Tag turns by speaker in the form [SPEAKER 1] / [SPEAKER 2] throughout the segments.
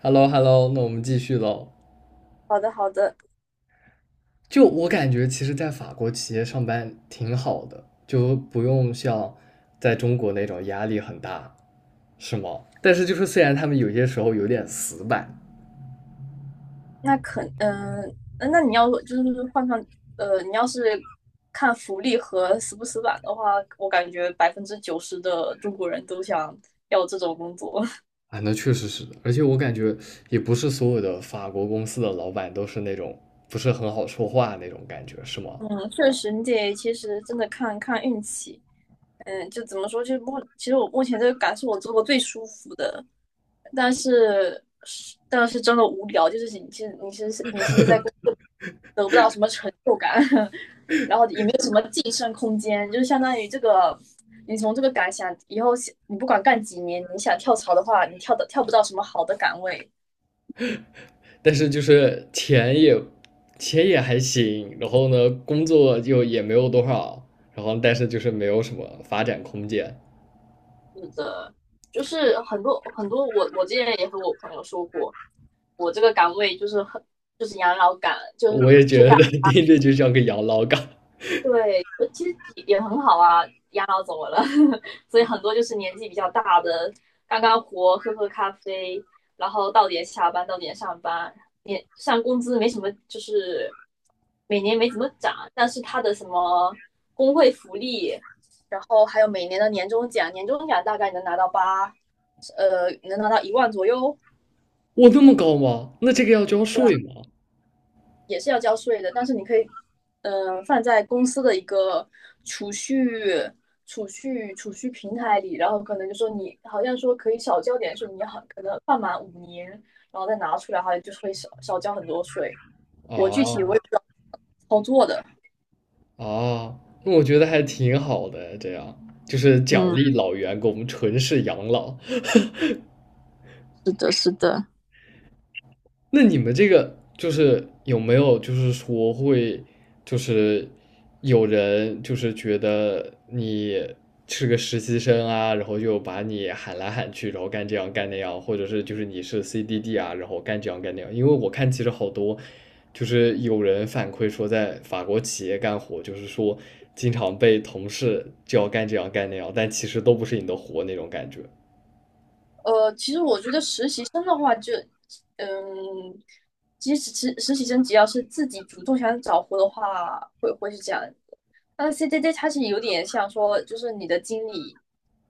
[SPEAKER 1] h e l l o h e l l o 那我们继续喽。
[SPEAKER 2] 好的，好的，
[SPEAKER 1] 就我感觉，其实，在法国企业上班挺好的，就不用像在中国那种压力很大，是吗？但是就是虽然他们有些时候有点死板
[SPEAKER 2] 那可嗯、那那你要就是换上，你要是看福利和死不死板的话，我感觉百分之九十的中国人都想要这种工作。
[SPEAKER 1] 啊，那确实是，而且我感觉也不是所有的法国公司的老板都是那种不是很好说话那种感觉，是吗？
[SPEAKER 2] 嗯，确实，你得其实真的看看运气。嗯，就怎么说，其实我目前这个岗是我做过最舒服的，但是但是真的无聊，就是你其实在工作得不到什么成就感，然后也没有什么晋升空间，就是相当于这个你从这个岗想以后你不管干几年，你想跳槽的话，你跳的跳不到什么好的岗位。
[SPEAKER 1] 但是就是钱也还行，然后呢，工作就也没有多少，然后但是就是没有什么发展空间。
[SPEAKER 2] 是的，就是很多很多我之前也和我朋友说过，我这个岗位就是就是养老岗。就是
[SPEAKER 1] 我也
[SPEAKER 2] 就
[SPEAKER 1] 觉得
[SPEAKER 2] 大
[SPEAKER 1] 听着就像个养老岗。
[SPEAKER 2] 对，其实也很好啊，养老怎么了？所以很多就是年纪比较大的，干干活，喝喝咖啡，然后到点下班，到点上班，年上工资没什么，就是每年没怎么涨，但是他的什么工会福利，然后还有每年的年终奖，年终奖大概能拿到一万左右，
[SPEAKER 1] 我那么高吗？那这个要交税吗？
[SPEAKER 2] 也是要交税的，但是你可以，嗯，放在公司的一个储蓄、储蓄平台里，然后可能就说你好像说可以少交点税，可能放满五年，然后再拿出来，好像就会少交很多税。我具体
[SPEAKER 1] 啊
[SPEAKER 2] 我也不知道操作的，
[SPEAKER 1] 啊，那我觉得还挺好的，这样就是奖
[SPEAKER 2] 嗯，
[SPEAKER 1] 励老员工纯是养老，
[SPEAKER 2] 是的，是的，
[SPEAKER 1] 那你们这个就是有没有就是说会就是有人就是觉得你是个实习生啊，然后就把你喊来喊去，然后干这样干那样，或者是就是你是 CDD 啊，然后干这样干那样。因为我看其实好多就是有人反馈说，在法国企业干活，就是说经常被同事就要干这样干那样，但其实都不是你的活那种感觉
[SPEAKER 2] 其实我觉得实习生的话就，嗯，其实实习生只要是自己主动想找活的话，会是这样。那 CDD 它是有点像说，就是你的经理、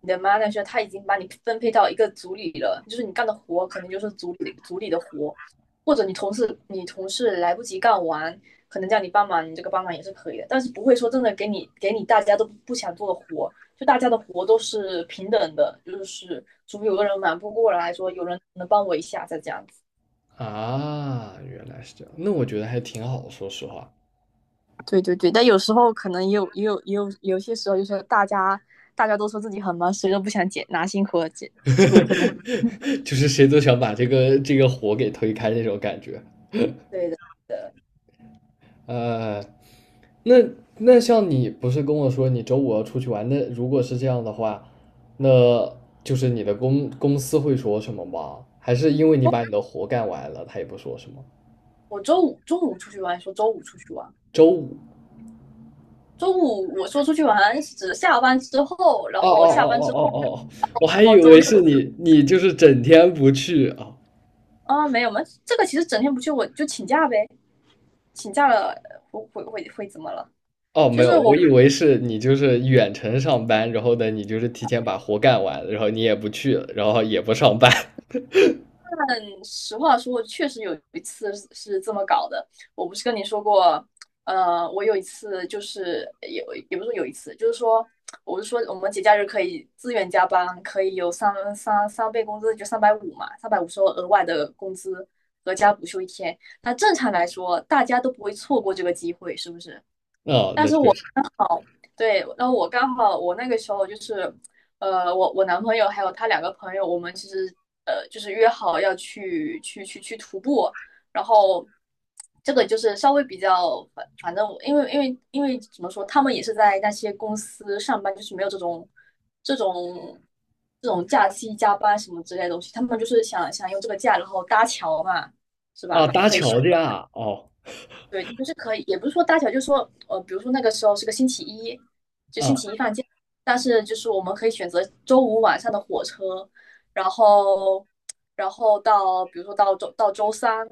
[SPEAKER 2] 你的 manager，他已经把你分配到一个组里了，就是你干的活可能就是组里的活，或者你同事来不及干完，可能叫你帮忙，你这个帮忙也是可以的，但是不会说真的给你大家都不想做的活，就大家的活都是平等的，就是除非有个人忙不过来说，有人能帮我一下再这样子。
[SPEAKER 1] 啊。原来是这样，那我觉得还挺好，说实话。
[SPEAKER 2] 对对对，但有时候可能也有有些时候，就是大家都说自己很忙，谁都不想解拿辛苦了解，这个可能
[SPEAKER 1] 就是谁都想把这个火给推开那种感觉。
[SPEAKER 2] 对的，对。
[SPEAKER 1] 呃，那那像你不是跟我说你周五要出去玩？那如果是这样的话，那就是你的公司会说什么吗？还是因为你把你的活干完了，他也不说什么？
[SPEAKER 2] 我周五中午出去玩，说周五出去玩。
[SPEAKER 1] 周五？
[SPEAKER 2] 周五我说出去玩是指下班之后，然
[SPEAKER 1] 哦
[SPEAKER 2] 后
[SPEAKER 1] 哦哦
[SPEAKER 2] 下班
[SPEAKER 1] 哦
[SPEAKER 2] 之后，
[SPEAKER 1] 哦哦，我还
[SPEAKER 2] 然
[SPEAKER 1] 以
[SPEAKER 2] 后周
[SPEAKER 1] 为是
[SPEAKER 2] 六
[SPEAKER 1] 你，你就是整天不去啊。
[SPEAKER 2] 啊，没有吗？这个其实整天不去我就请假呗，请假了会怎么了？
[SPEAKER 1] 哦，没有，我以为是你就是远程上班，然后呢，你就是提前把活干完，然后你也不去，然后也不上班。
[SPEAKER 2] 但实话说，确实有一次是这么搞的。我不是跟你说过，我有一次就是有，也不是说有一次，就是说，我是说我们节假日可以自愿加班，可以有三倍工资，就三百五嘛，三百五是额外的工资，和加补休一天。那正常来说，大家都不会错过这个机会，是不是？
[SPEAKER 1] 哦，那确实。
[SPEAKER 2] 好，对，然后我刚好我那个时候就是，我男朋友还有他两个朋友，我们其实就是约好要去徒步，然后这个就是稍微比较反正因为怎么说，他们也是在那些公司上班，就是没有这种这种假期加班什么之类的东西，他们就是想用这个假然后搭桥嘛，是
[SPEAKER 1] 啊，
[SPEAKER 2] 吧？就
[SPEAKER 1] 搭
[SPEAKER 2] 可以休。
[SPEAKER 1] 桥的呀，哦，
[SPEAKER 2] 对，就是可以，也不是说大小，就是说，比如说那个时候是个星期一，就星
[SPEAKER 1] 啊，
[SPEAKER 2] 期一放假，但是就是我们可以选择周五晚上的火车，然后，然后到比如说到周三，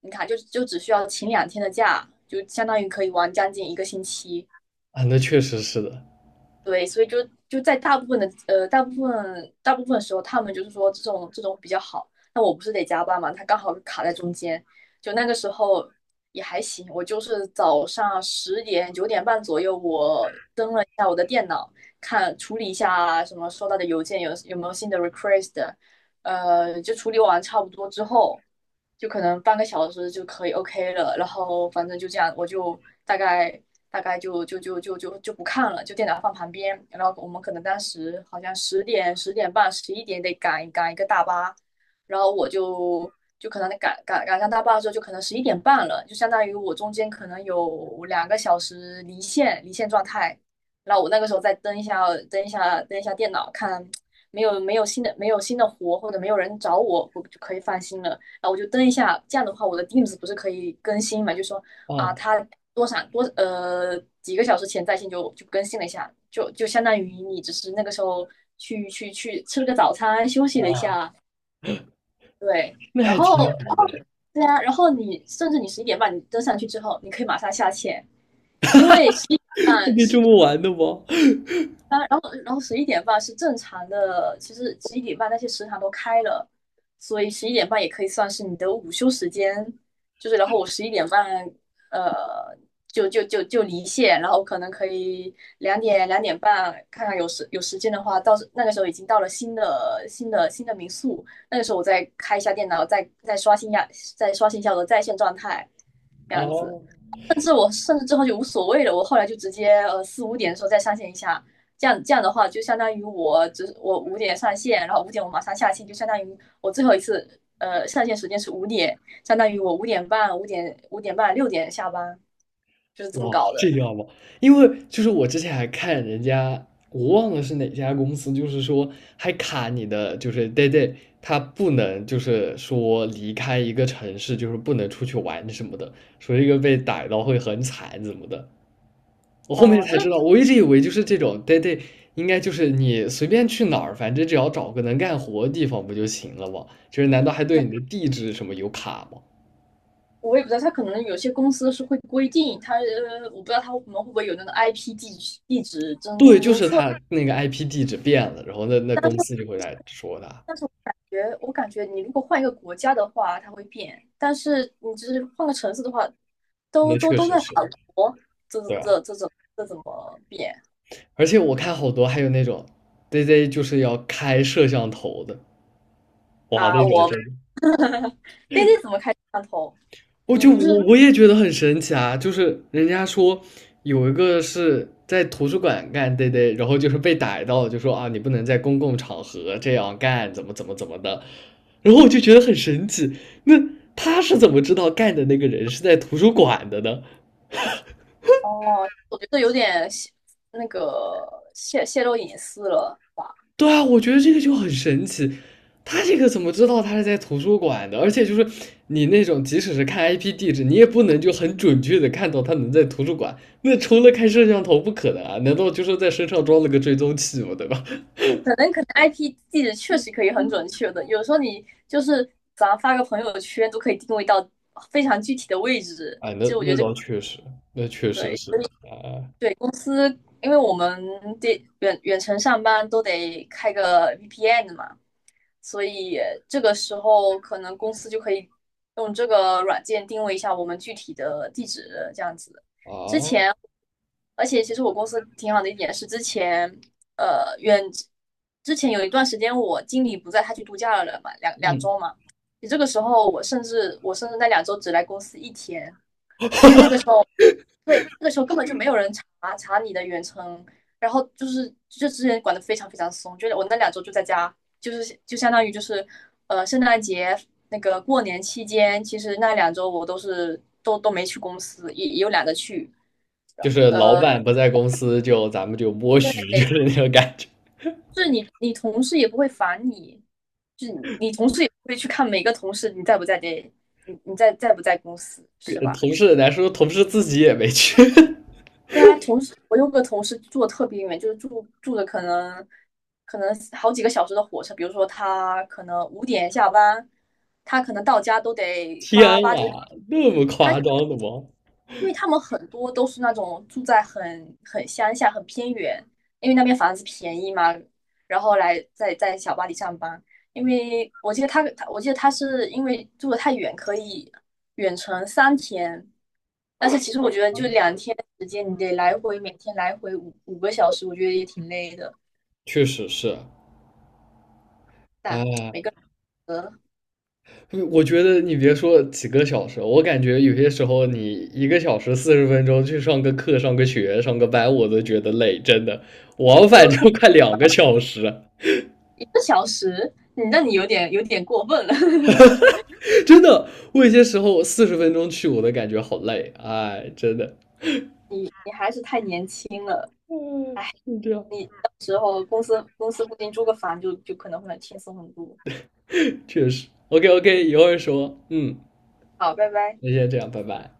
[SPEAKER 2] 你看就只需要请两天的假，就相当于可以玩将近一个星期。
[SPEAKER 1] 啊，那确实是的。
[SPEAKER 2] 对，所以就在大部分的呃大部分大部分时候，他们就是说这种比较好。那我不是得加班嘛，他刚好卡在中间，就那个时候也还行。我就是早上十点九点半左右，我登了一下我的电脑，看处理一下什么收到的邮件有没有新的 request，就处理完差不多之后，就可能半个小时就可以 OK 了。然后反正就这样，我就大概。大概就不看了，就电脑放旁边。然后我们可能当时好像十点、十点半、十一点得赶一个大巴，然后我就可能赶上大巴的时候，就可能十一点半了，就相当于我中间可能有两个小时离线状态。然后我那个时候再登一下电脑，看没有新的活或者没有人找我，我就可以放心了。啊，我就登一下，这样的话我的 Teams 不是可以更新嘛？就说啊，
[SPEAKER 1] 哦，
[SPEAKER 2] 他多少多呃几个小时前在线就更新了一下，就相当于你只是那个时候去吃了个早餐，休息了一
[SPEAKER 1] 哦，
[SPEAKER 2] 下，对，
[SPEAKER 1] 那
[SPEAKER 2] 然
[SPEAKER 1] 还挺
[SPEAKER 2] 后
[SPEAKER 1] 好
[SPEAKER 2] 然
[SPEAKER 1] 的，
[SPEAKER 2] 后 对啊，然后你甚至十一点半你登上去之后，你可以马上下线，因为十一点
[SPEAKER 1] 还
[SPEAKER 2] 半
[SPEAKER 1] 可以
[SPEAKER 2] 是
[SPEAKER 1] 这么玩的吗？
[SPEAKER 2] 当然，然后十一点半是正常的，其实十一点半那些食堂都开了，所以十一点半也可以算是你的午休时间。就是然后我十一点半，呃，就离线，然后可能可以两点两点半看看有时间的话，到那个时候已经到了新的民宿，那个时候我再开一下电脑，再刷新一下我的在线状态，这样子。
[SPEAKER 1] 哦。
[SPEAKER 2] 我甚至之后就无所谓了，我后来就直接四五点的时候再上线一下，这样的话就相当于我五点上线，然后五点我马上下线，就相当于我最后一次上线时间是五点，相当于我五点半、五点半、六点下班，就是这么
[SPEAKER 1] 哇，
[SPEAKER 2] 搞
[SPEAKER 1] 这
[SPEAKER 2] 的。
[SPEAKER 1] 样好不好。因为就是我之前还看人家，我忘了是哪家公司，就是说还卡你的，就是 day day，他不能就是说离开一个城市，就是不能出去玩什么的，说一个被逮到会很惨怎么的。我后面
[SPEAKER 2] 嗯，就
[SPEAKER 1] 才知
[SPEAKER 2] 是
[SPEAKER 1] 道，我一直以为就是这种 day day，应该就是你随便去哪儿，反正只要找个能干活的地方不就行了吗？就是难道还对你的地址什么有卡吗？
[SPEAKER 2] 我也不知道，他可能有些公司是会规定，我不知道他们会不会有那个 IP 地址
[SPEAKER 1] 对，
[SPEAKER 2] 侦
[SPEAKER 1] 就
[SPEAKER 2] 侦
[SPEAKER 1] 是
[SPEAKER 2] 测，
[SPEAKER 1] 他那个 IP 地址变了，然后那
[SPEAKER 2] 但是。
[SPEAKER 1] 公司就会来说他，
[SPEAKER 2] 但是我感觉，我感觉你如果换一个国家的话，它会变；但是你只是换个城市的话，都
[SPEAKER 1] 那
[SPEAKER 2] 都
[SPEAKER 1] 确
[SPEAKER 2] 都
[SPEAKER 1] 实
[SPEAKER 2] 在法
[SPEAKER 1] 是，
[SPEAKER 2] 国，这
[SPEAKER 1] 对啊，
[SPEAKER 2] 这这这怎这怎么变
[SPEAKER 1] 而且我看好多还有那种对 z 就是要开摄像头的，哇，
[SPEAKER 2] 啊？
[SPEAKER 1] 那种
[SPEAKER 2] 我
[SPEAKER 1] 真
[SPEAKER 2] 们
[SPEAKER 1] 的，
[SPEAKER 2] d a 怎么开摄像头？
[SPEAKER 1] 我
[SPEAKER 2] 你
[SPEAKER 1] 就
[SPEAKER 2] 不
[SPEAKER 1] 我
[SPEAKER 2] 是
[SPEAKER 1] 我也觉得很神奇啊，就是人家说有一个是在图书馆干对 z 然后就是被逮到了就说啊你不能在公共场合这样干，怎么怎么怎么的，然后我就觉得很神奇，那他是怎么知道干的那个人是在图书馆的呢？
[SPEAKER 2] 哦？我觉得有点泄那个泄泄露隐私了吧？
[SPEAKER 1] 对啊，我觉得这个就很神奇，他这个怎么知道他是在图书馆的？而且就是你那种即使是看 IP 地址，你也不能就很准确的看到他能在图书馆。那除了开摄像头，不可能啊！难道就是在身上装了个追踪器吗？对吧？
[SPEAKER 2] 可能 IP 地址确实可以很准确的，有时候你就是咱发个朋友圈都可以定位到非常具体的位置。
[SPEAKER 1] 哎，那倒确实，那确实
[SPEAKER 2] 对，
[SPEAKER 1] 是啊
[SPEAKER 2] 对，公司，因为我们得远程上班都得开个 VPN 的嘛，所以这个时候可能公司就可以用这个软件定位一下我们具体的地址，这样子。之
[SPEAKER 1] 啊，
[SPEAKER 2] 前，而且其实我公司挺好的一点是，呃远之前有一段时间我经理不在，他去度假了嘛，两
[SPEAKER 1] 嗯，
[SPEAKER 2] 周嘛。你这个时候我甚至那两周只来公司一天，因为那个时候。对，那个时候根本就没有人查你的远程，然后就是之前管得非常非常松，就是我那两周就在家，就是就相当于圣诞节那个过年期间，其实那两周我都是都都没去公司，也有懒得去。
[SPEAKER 1] 就是老板不在公司就咱们就默许，就
[SPEAKER 2] 对，
[SPEAKER 1] 是那种感觉。
[SPEAKER 2] 就是你同事也不会烦你，就是你同事也不会去看每个同事你在不在这，你在不在公司，是
[SPEAKER 1] 跟
[SPEAKER 2] 吧？
[SPEAKER 1] 同事来说，同事自己也没去。
[SPEAKER 2] 对啊，我有个同事住的特别远，就是住的可能好几个小时的火车，比如说他可能五点下班，他可能到家都得
[SPEAKER 1] 天
[SPEAKER 2] 八九点，
[SPEAKER 1] 啊，那么夸张的吗？
[SPEAKER 2] 因为他们很多都是那种住在很乡下、很偏远，因为那边房子便宜嘛，然后来在小巴黎上班。因为我记得他是因为住的太远，可以远程三天。但是其实我觉得就两天时间，你得来回每天来回五个小时，我觉得也挺累的。
[SPEAKER 1] 确实是，
[SPEAKER 2] 但
[SPEAKER 1] 啊，
[SPEAKER 2] 每个人
[SPEAKER 1] 我觉得你别说几个小时，我感觉有些时候你1个小时40分钟去上个课、上个学、上个班，我都觉得累，真的，往返就快2个小时，
[SPEAKER 2] 一个小时，你有点过分了，
[SPEAKER 1] 真的，我有些时候四十分钟去我都感觉好累，哎，真的，
[SPEAKER 2] 你还是太年轻了。
[SPEAKER 1] 嗯，是这样，
[SPEAKER 2] 你到时候公司固定租个房就可能会轻松很多。
[SPEAKER 1] 确实，OK OK，一会儿说，嗯，
[SPEAKER 2] 好，拜拜。
[SPEAKER 1] 那先这样，拜拜。